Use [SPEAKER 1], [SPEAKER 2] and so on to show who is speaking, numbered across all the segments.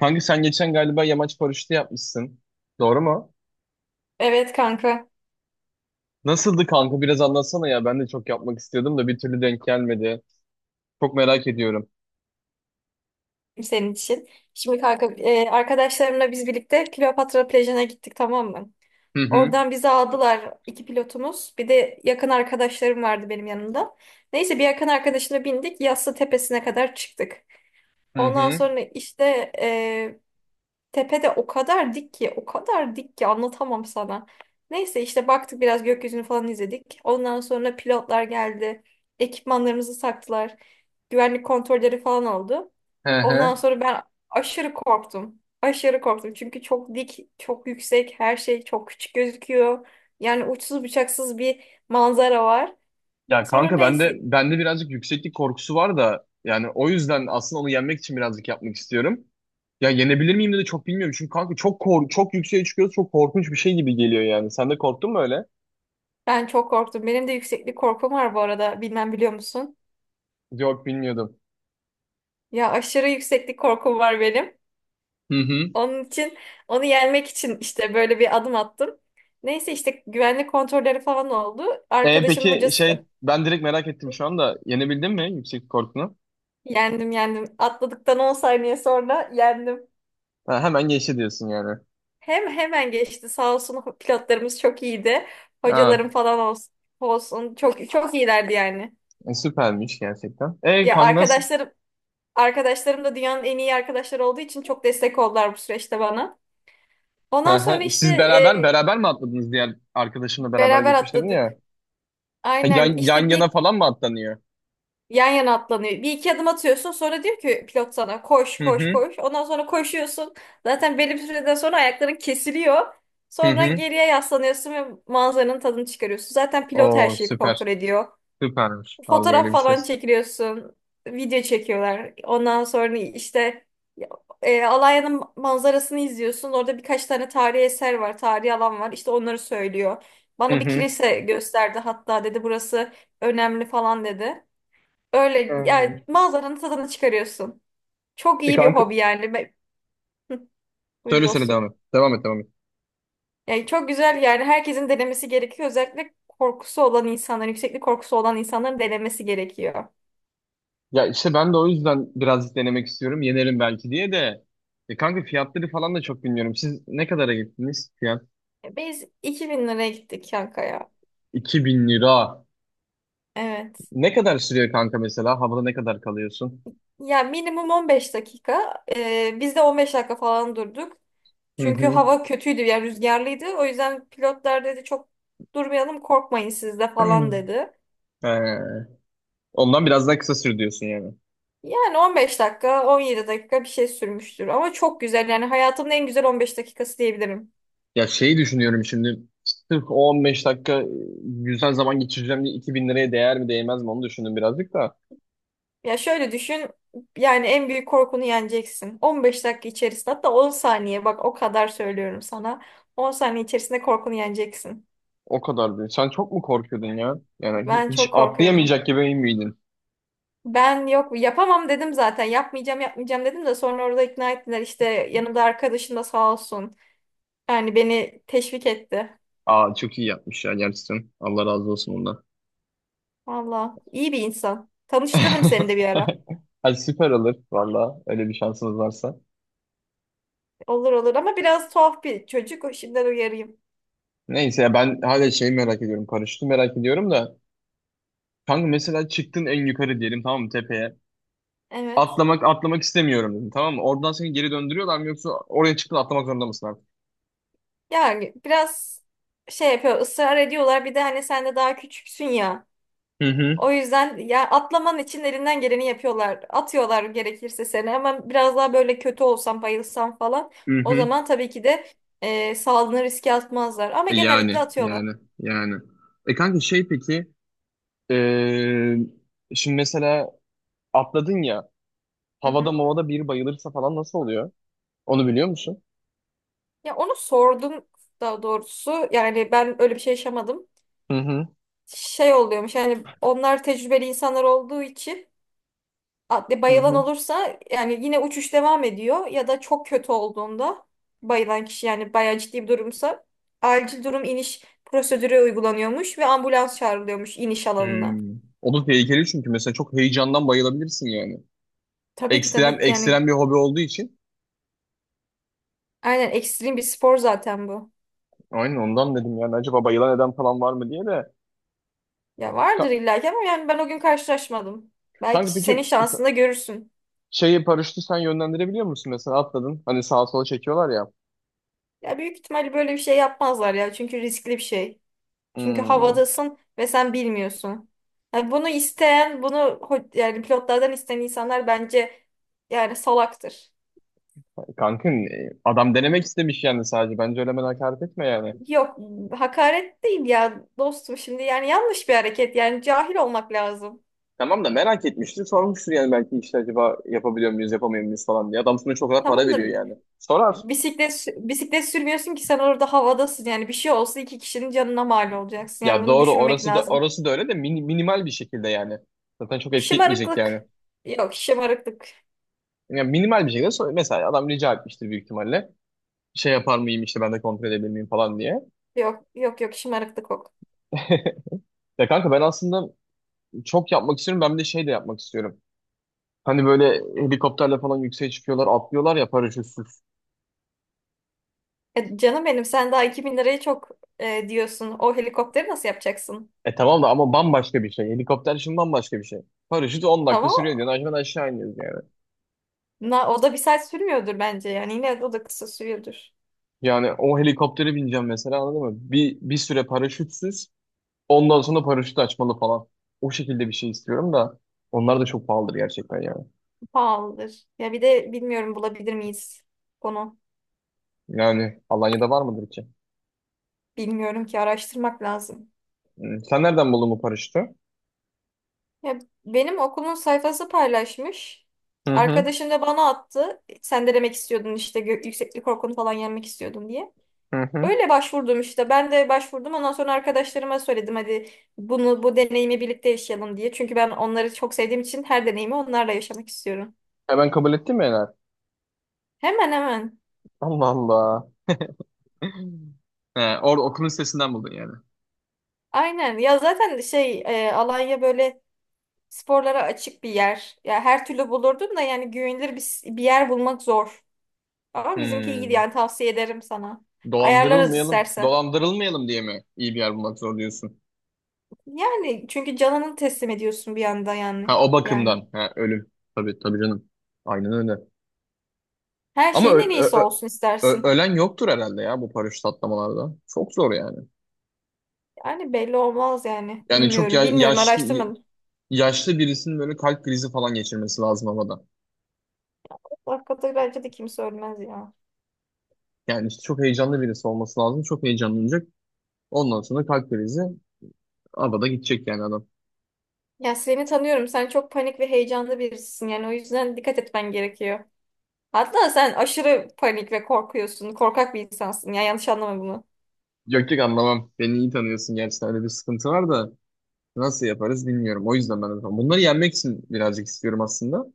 [SPEAKER 1] Kanka sen geçen galiba yamaç paraşütü yapmışsın. Doğru mu?
[SPEAKER 2] Evet kanka
[SPEAKER 1] Nasıldı kanka? Biraz anlatsana ya. Ben de çok yapmak istiyordum da bir türlü denk gelmedi. Çok merak ediyorum.
[SPEAKER 2] senin için. Şimdi kanka arkadaşlarımla biz birlikte Kleopatra plajına gittik, tamam mı?
[SPEAKER 1] Hı hı.
[SPEAKER 2] Oradan bizi aldılar, iki pilotumuz. Bir de yakın arkadaşlarım vardı benim yanımda. Neyse, bir yakın arkadaşına bindik. Yassı tepesine kadar çıktık.
[SPEAKER 1] Hı
[SPEAKER 2] Ondan
[SPEAKER 1] hı.
[SPEAKER 2] sonra işte tepede o kadar dik ki, o kadar dik ki anlatamam sana. Neyse işte baktık, biraz gökyüzünü falan izledik. Ondan sonra pilotlar geldi. Ekipmanlarımızı taktılar. Güvenlik kontrolleri falan oldu.
[SPEAKER 1] Hı
[SPEAKER 2] Ondan
[SPEAKER 1] hı.
[SPEAKER 2] sonra ben aşırı korktum. Aşırı korktum. Çünkü çok dik, çok yüksek, her şey çok küçük gözüküyor. Yani uçsuz bucaksız bir manzara var.
[SPEAKER 1] Ya
[SPEAKER 2] Sonra
[SPEAKER 1] kanka ben de
[SPEAKER 2] neyse
[SPEAKER 1] bende birazcık yükseklik korkusu var da yani o yüzden aslında onu yenmek için birazcık yapmak istiyorum. Ya yenebilir miyim de çok bilmiyorum. Çünkü kanka çok çok yükseğe çıkıyoruz. Çok korkunç bir şey gibi geliyor yani. Sen de korktun mu öyle?
[SPEAKER 2] ben çok korktum. Benim de yükseklik korkum var bu arada. Bilmem, biliyor musun?
[SPEAKER 1] Yok bilmiyordum.
[SPEAKER 2] Ya aşırı yükseklik korkum var benim.
[SPEAKER 1] Hı hı.
[SPEAKER 2] Onun için onu yenmek için işte böyle bir adım attım. Neyse işte güvenlik kontrolleri falan oldu.
[SPEAKER 1] E
[SPEAKER 2] Arkadaşın
[SPEAKER 1] peki
[SPEAKER 2] hocası
[SPEAKER 1] ben direkt merak ettim şu anda. Yenebildin mi yükseklik korkunu?
[SPEAKER 2] yendim, yendim. Atladıktan 10 saniye sonra yendim.
[SPEAKER 1] Ha, hemen geçti diyorsun yani.
[SPEAKER 2] Hemen geçti, sağ olsun pilotlarımız çok iyiydi.
[SPEAKER 1] Ha,
[SPEAKER 2] Hocalarım falan olsun, olsun çok çok iyilerdi yani.
[SPEAKER 1] süpermiş gerçekten. E
[SPEAKER 2] Ya
[SPEAKER 1] kanka nasıl?
[SPEAKER 2] arkadaşlarım da dünyanın en iyi arkadaşları olduğu için çok destek oldular bu süreçte bana. Ondan
[SPEAKER 1] Ha, ha.
[SPEAKER 2] sonra işte
[SPEAKER 1] Siz beraber beraber mi atladınız? Diğer arkadaşımla beraber
[SPEAKER 2] beraber
[SPEAKER 1] gitmiştin ya.
[SPEAKER 2] atladık.
[SPEAKER 1] Ha,
[SPEAKER 2] Aynen
[SPEAKER 1] yan
[SPEAKER 2] işte
[SPEAKER 1] yana falan mı atlanıyor?
[SPEAKER 2] yan yana atlanıyor. Bir iki adım atıyorsun, sonra diyor ki pilot sana koş
[SPEAKER 1] Hı
[SPEAKER 2] koş
[SPEAKER 1] hı.
[SPEAKER 2] koş. Ondan sonra koşuyorsun. Zaten belli bir süreden sonra ayakların kesiliyor.
[SPEAKER 1] Hı
[SPEAKER 2] Sonra
[SPEAKER 1] hı.
[SPEAKER 2] geriye yaslanıyorsun ve manzaranın tadını çıkarıyorsun. Zaten pilot her
[SPEAKER 1] Oo,
[SPEAKER 2] şeyi kontrol
[SPEAKER 1] süper.
[SPEAKER 2] ediyor.
[SPEAKER 1] Süpermiş. Harbi öyle
[SPEAKER 2] Fotoğraf
[SPEAKER 1] bir şey.
[SPEAKER 2] falan çekiliyorsun. Video çekiyorlar. Ondan sonra işte Alanya'nın manzarasını izliyorsun. Orada birkaç tane tarihi eser var, tarihi alan var. İşte onları söylüyor.
[SPEAKER 1] Hı
[SPEAKER 2] Bana bir
[SPEAKER 1] hı.
[SPEAKER 2] kilise gösterdi, hatta dedi burası önemli falan dedi. Öyle
[SPEAKER 1] Hmm.
[SPEAKER 2] yani, manzaranın tadını çıkarıyorsun. Çok
[SPEAKER 1] E
[SPEAKER 2] iyi bir
[SPEAKER 1] kanka
[SPEAKER 2] hobi yani. Hı, buyur
[SPEAKER 1] söyle söyle, devam
[SPEAKER 2] dostum.
[SPEAKER 1] et. Devam et devam et.
[SPEAKER 2] Yani çok güzel, yani herkesin denemesi gerekiyor. Özellikle korkusu olan insanların, yükseklik korkusu olan insanların denemesi gerekiyor.
[SPEAKER 1] Ya işte ben de o yüzden birazcık denemek istiyorum. Yenerim belki diye de. E kanka fiyatları falan da çok bilmiyorum. Siz ne kadara gittiniz, fiyat?
[SPEAKER 2] Biz 2.000 liraya gittik Yankaya.
[SPEAKER 1] 2.000 lira.
[SPEAKER 2] Evet.
[SPEAKER 1] Ne kadar sürüyor kanka mesela? Havada ne kadar kalıyorsun?
[SPEAKER 2] Ya minimum 15 dakika. Biz de 15 dakika falan durduk.
[SPEAKER 1] Hı
[SPEAKER 2] Çünkü
[SPEAKER 1] hı.
[SPEAKER 2] hava kötüydü, yani rüzgarlıydı. O yüzden pilotlar dedi çok durmayalım, korkmayın siz de falan dedi.
[SPEAKER 1] Ee, ondan biraz daha kısa sür diyorsun yani.
[SPEAKER 2] Yani 15 dakika, 17 dakika bir şey sürmüştür. Ama çok güzel. Yani hayatımın en güzel 15 dakikası diyebilirim.
[SPEAKER 1] Ya şeyi düşünüyorum şimdi. Sırf o 15 dakika güzel zaman geçireceğim diye 2.000 liraya değer mi değmez mi onu düşündüm birazcık da.
[SPEAKER 2] Ya şöyle düşün. Yani en büyük korkunu yeneceksin. 15 dakika içerisinde, hatta 10 saniye, bak o kadar söylüyorum sana. 10 saniye içerisinde korkunu yeneceksin.
[SPEAKER 1] O kadar değil. Sen çok mu korkuyordun ya? Yani
[SPEAKER 2] Ben
[SPEAKER 1] hiç
[SPEAKER 2] çok korkuyordum.
[SPEAKER 1] atlayamayacak gibi emin miydin?
[SPEAKER 2] Ben yok, yapamam dedim zaten. Yapmayacağım, yapmayacağım dedim de sonra orada ikna ettiler. İşte yanımda arkadaşım da sağ olsun. Yani beni teşvik etti.
[SPEAKER 1] Aa, çok iyi yapmış ya gerçekten. Allah razı olsun ondan.
[SPEAKER 2] Valla iyi bir insan. Tanıştırırım seni de bir ara.
[SPEAKER 1] Hadi süper olur valla, öyle bir şansınız varsa.
[SPEAKER 2] Olur olur, ama biraz tuhaf bir çocuk. O şimdiden uyarayım.
[SPEAKER 1] Neyse ya, ben hala şeyi merak ediyorum. Paraşütü merak ediyorum da. Kanka mesela çıktın en yukarı, diyelim tamam mı, tepeye.
[SPEAKER 2] Evet.
[SPEAKER 1] Atlamak istemiyorum dedim, tamam mı? Oradan seni geri döndürüyorlar mı, yoksa oraya çıktın atlamak zorunda mısın artık?
[SPEAKER 2] Yani biraz şey yapıyor, ısrar ediyorlar. Bir de hani sen de daha küçüksün ya.
[SPEAKER 1] Hı hı.
[SPEAKER 2] O yüzden ya atlaman için elinden geleni yapıyorlar. Atıyorlar gerekirse seni, ama biraz daha böyle kötü olsam, bayılsam falan.
[SPEAKER 1] Hı
[SPEAKER 2] O
[SPEAKER 1] hı.
[SPEAKER 2] zaman tabii ki de sağlığını riske atmazlar. Ama
[SPEAKER 1] E,
[SPEAKER 2] genellikle
[SPEAKER 1] Yani
[SPEAKER 2] atıyorlar.
[SPEAKER 1] yani yani. E kanka şey peki, eee, şimdi mesela atladın ya,
[SPEAKER 2] Hı
[SPEAKER 1] havada
[SPEAKER 2] hı.
[SPEAKER 1] mavada biri bayılırsa falan nasıl oluyor? Onu biliyor musun?
[SPEAKER 2] Ya onu sordum daha doğrusu. Yani ben öyle bir şey yaşamadım.
[SPEAKER 1] Hı hı.
[SPEAKER 2] Şey oluyormuş, yani onlar tecrübeli insanlar olduğu için adli
[SPEAKER 1] Hı
[SPEAKER 2] bayılan
[SPEAKER 1] hı.
[SPEAKER 2] olursa yani yine uçuş devam ediyor, ya da çok kötü olduğunda bayılan kişi, yani bayağı ciddi bir durumsa, acil durum iniş prosedürü uygulanıyormuş ve ambulans çağrılıyormuş iniş alanına.
[SPEAKER 1] Hmm. O da tehlikeli çünkü mesela çok heyecandan bayılabilirsin yani.
[SPEAKER 2] Tabii ki,
[SPEAKER 1] Ekstrem
[SPEAKER 2] tabii ki yani,
[SPEAKER 1] ekstrem bir hobi olduğu için.
[SPEAKER 2] aynen ekstrem bir spor zaten bu.
[SPEAKER 1] Aynen ondan dedim, yani acaba bayılan eden falan var mı diye de.
[SPEAKER 2] Ya vardır illa ki, ama yani ben o gün karşılaşmadım. Belki
[SPEAKER 1] Kanka
[SPEAKER 2] senin
[SPEAKER 1] peki
[SPEAKER 2] şansında görürsün.
[SPEAKER 1] paraşütü sen yönlendirebiliyor musun? Mesela atladın. Hani sağa sola çekiyorlar ya.
[SPEAKER 2] Ya büyük ihtimalle böyle bir şey yapmazlar ya, çünkü riskli bir şey. Çünkü
[SPEAKER 1] Hmm,
[SPEAKER 2] havadasın ve sen bilmiyorsun. Yani bunu isteyen, bunu yani pilotlardan isteyen insanlar bence yani salaktır.
[SPEAKER 1] kanka adam denemek istemiş yani sadece. Bence öyle hemen hakaret etme yani.
[SPEAKER 2] Yok, hakaret değil ya dostum, şimdi yani yanlış bir hareket, yani cahil olmak lazım.
[SPEAKER 1] Tamam da merak etmiştir. Sormuştur yani, belki işte acaba yapabiliyor muyuz, yapamıyor muyuz falan diye. Adam sonuçta o kadar para
[SPEAKER 2] Tamam
[SPEAKER 1] veriyor
[SPEAKER 2] da
[SPEAKER 1] yani. Sorar.
[SPEAKER 2] bisiklet bisiklet sürmüyorsun ki, sen orada havadasın, yani bir şey olsa iki kişinin canına mal olacaksın, yani
[SPEAKER 1] Ya
[SPEAKER 2] bunu
[SPEAKER 1] doğru,
[SPEAKER 2] düşünmek
[SPEAKER 1] orası da,
[SPEAKER 2] lazım.
[SPEAKER 1] orası da öyle de minimal bir şekilde yani. Zaten çok etki etmeyecek yani.
[SPEAKER 2] Şımarıklık. Yok şımarıklık.
[SPEAKER 1] Yani minimal bir şekilde sor. Mesela adam rica etmiştir büyük ihtimalle. Şey yapar mıyım işte, ben de kontrol edebilir miyim falan diye.
[SPEAKER 2] Yok yok yok, şımarıklık yok.
[SPEAKER 1] Ya kanka ben aslında çok yapmak istiyorum. Ben bir de şey de yapmak istiyorum. Hani böyle helikopterle falan yükseğe çıkıyorlar, atlıyorlar ya, paraşütsüz.
[SPEAKER 2] Canım benim, sen daha 2.000 lirayı çok diyorsun. O helikopteri nasıl yapacaksın?
[SPEAKER 1] E tamam da, ama bambaşka bir şey. Helikopter şimdi bambaşka bir şey. Paraşüt 10 dakika sürüyor
[SPEAKER 2] Tamam.
[SPEAKER 1] diyorsun. Hemen aşağı iniyoruz yani.
[SPEAKER 2] Na, o da bir saat sürmüyordur bence. Yani yine de o da kısa sürüyordur.
[SPEAKER 1] Yani o helikoptere bineceğim mesela, anladın mı? Bir süre paraşütsüz. Ondan sonra paraşütü açmalı falan. O şekilde bir şey istiyorum da. Onlar da çok pahalıdır gerçekten yani.
[SPEAKER 2] Pahalıdır. Ya bir de bilmiyorum, bulabilir miyiz onu.
[SPEAKER 1] Yani Alanya'da var mıdır ki?
[SPEAKER 2] Bilmiyorum ki, araştırmak lazım.
[SPEAKER 1] Hmm, sen nereden buldun bu paraşütü?
[SPEAKER 2] Ya benim okulun sayfası paylaşmış.
[SPEAKER 1] Hı hı
[SPEAKER 2] Arkadaşım da bana attı. Sen de demek istiyordun işte yükseklik korkunu falan yenmek istiyordun diye.
[SPEAKER 1] hı hı.
[SPEAKER 2] Öyle başvurdum işte. Ben de başvurdum. Ondan sonra arkadaşlarıma söyledim, hadi bunu bu deneyimi birlikte yaşayalım diye. Çünkü ben onları çok sevdiğim için her deneyimi onlarla yaşamak istiyorum.
[SPEAKER 1] Hemen kabul ettin mi Ener?
[SPEAKER 2] Hemen hemen.
[SPEAKER 1] Allah Allah. He, orada okulun sitesinden buldun yani.
[SPEAKER 2] Aynen. Ya zaten Alanya böyle sporlara açık bir yer. Ya her türlü bulurdun da, yani güvenilir bir yer bulmak zor. Ama bizimki iyiydi,
[SPEAKER 1] Hmm.
[SPEAKER 2] yani tavsiye ederim sana. Ayarlarız
[SPEAKER 1] Dolandırılmayalım.
[SPEAKER 2] istersen.
[SPEAKER 1] Dolandırılmayalım diye mi iyi bir yer bulmak zor diyorsun?
[SPEAKER 2] Yani çünkü canını teslim ediyorsun bir anda yani.
[SPEAKER 1] Ha, o
[SPEAKER 2] Yani
[SPEAKER 1] bakımdan. Ha, ölüm. Tabii tabii canım. Aynen öyle.
[SPEAKER 2] her
[SPEAKER 1] Ama
[SPEAKER 2] şeyin en iyisi olsun istersin.
[SPEAKER 1] ölen yoktur herhalde ya, bu paraşüt atlamalarda. Çok zor yani.
[SPEAKER 2] Yani belli olmaz yani.
[SPEAKER 1] Yani çok
[SPEAKER 2] Bilmiyorum. Bilmiyorum.
[SPEAKER 1] yaşlı
[SPEAKER 2] Araştırmadım.
[SPEAKER 1] yaşlı birisinin böyle kalp krizi falan geçirmesi lazım havada.
[SPEAKER 2] Hakikaten bence de kimse ölmez ya.
[SPEAKER 1] Yani işte çok heyecanlı birisi olması lazım. Çok heyecanlanacak. Ondan sonra kalp krizi havada gidecek yani adam.
[SPEAKER 2] Ya seni tanıyorum. Sen çok panik ve heyecanlı birisisin. Yani o yüzden dikkat etmen gerekiyor. Hatta sen aşırı panik ve korkuyorsun. Korkak bir insansın. Ya yanlış anlama bunu.
[SPEAKER 1] Yok yok, anlamam. Beni iyi tanıyorsun gerçekten, öyle bir sıkıntı var da. Nasıl yaparız bilmiyorum. O yüzden ben de bunları yenmek için birazcık istiyorum aslında.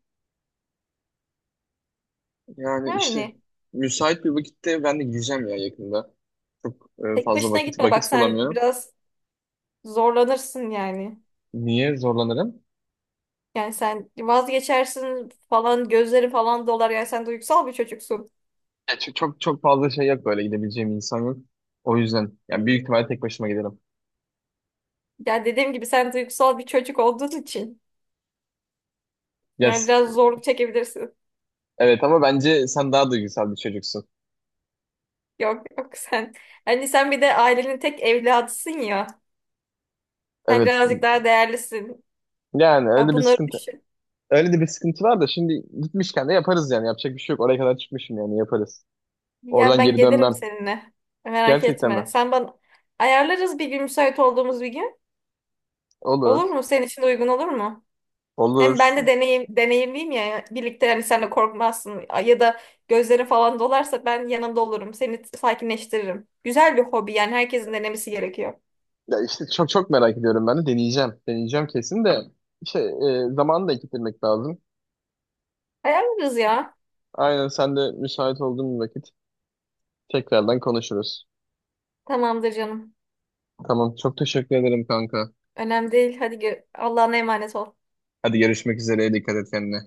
[SPEAKER 1] Yani işte
[SPEAKER 2] Yani
[SPEAKER 1] müsait bir vakitte ben de gideceğim ya yakında. Çok
[SPEAKER 2] tek
[SPEAKER 1] fazla
[SPEAKER 2] başına gitme. Bak,
[SPEAKER 1] vakit
[SPEAKER 2] sen
[SPEAKER 1] bulamıyorum.
[SPEAKER 2] biraz zorlanırsın yani.
[SPEAKER 1] Niye zorlanırım?
[SPEAKER 2] Yani sen vazgeçersin falan, gözlerin falan dolar. Yani sen duygusal bir çocuksun.
[SPEAKER 1] Ya çok çok fazla şey yok, böyle gidebileceğim insan yok. O yüzden yani
[SPEAKER 2] Hı.
[SPEAKER 1] büyük ihtimalle tek başıma giderim.
[SPEAKER 2] Ya dediğim gibi sen duygusal bir çocuk olduğun için. Yani
[SPEAKER 1] Yes.
[SPEAKER 2] biraz zorluk çekebilirsin.
[SPEAKER 1] Evet ama bence sen daha duygusal bir çocuksun.
[SPEAKER 2] Yok yok sen. Hani sen bir de ailenin tek evladısın ya. Sen
[SPEAKER 1] Evet.
[SPEAKER 2] birazcık daha değerlisin.
[SPEAKER 1] Yani
[SPEAKER 2] Ha,
[SPEAKER 1] öyle bir
[SPEAKER 2] bunları
[SPEAKER 1] sıkıntı.
[SPEAKER 2] düşün.
[SPEAKER 1] Öyle de bir sıkıntı var da, şimdi gitmişken de yaparız yani. Yapacak bir şey yok. Oraya kadar çıkmışım, yani yaparız.
[SPEAKER 2] Ya
[SPEAKER 1] Oradan
[SPEAKER 2] ben
[SPEAKER 1] geri
[SPEAKER 2] gelirim
[SPEAKER 1] dönmem.
[SPEAKER 2] seninle. Merak
[SPEAKER 1] Gerçekten mi?
[SPEAKER 2] etme. Sen bana ayarlarız bir gün, müsait olduğumuz bir gün.
[SPEAKER 1] Olur.
[SPEAKER 2] Olur mu? Senin için de uygun olur mu? Hem
[SPEAKER 1] Olur.
[SPEAKER 2] ben de deneyimliyim ya. Birlikte, hani sen de korkmazsın. Ya da gözlerin falan dolarsa ben yanında olurum. Seni sakinleştiririm. Güzel bir hobi, yani herkesin denemesi gerekiyor.
[SPEAKER 1] Ya işte çok çok merak ediyorum ben de. Deneyeceğim. Deneyeceğim kesin de. İşte zamanı da ekittirmek lazım.
[SPEAKER 2] Ayarlarız ya.
[SPEAKER 1] Aynen, sen de müsait olduğun bir vakit tekrardan konuşuruz.
[SPEAKER 2] Tamamdır canım.
[SPEAKER 1] Tamam. Çok teşekkür ederim kanka.
[SPEAKER 2] Önemli değil. Hadi Allah'ına emanet ol.
[SPEAKER 1] Hadi görüşmek üzere. Dikkat et kendine.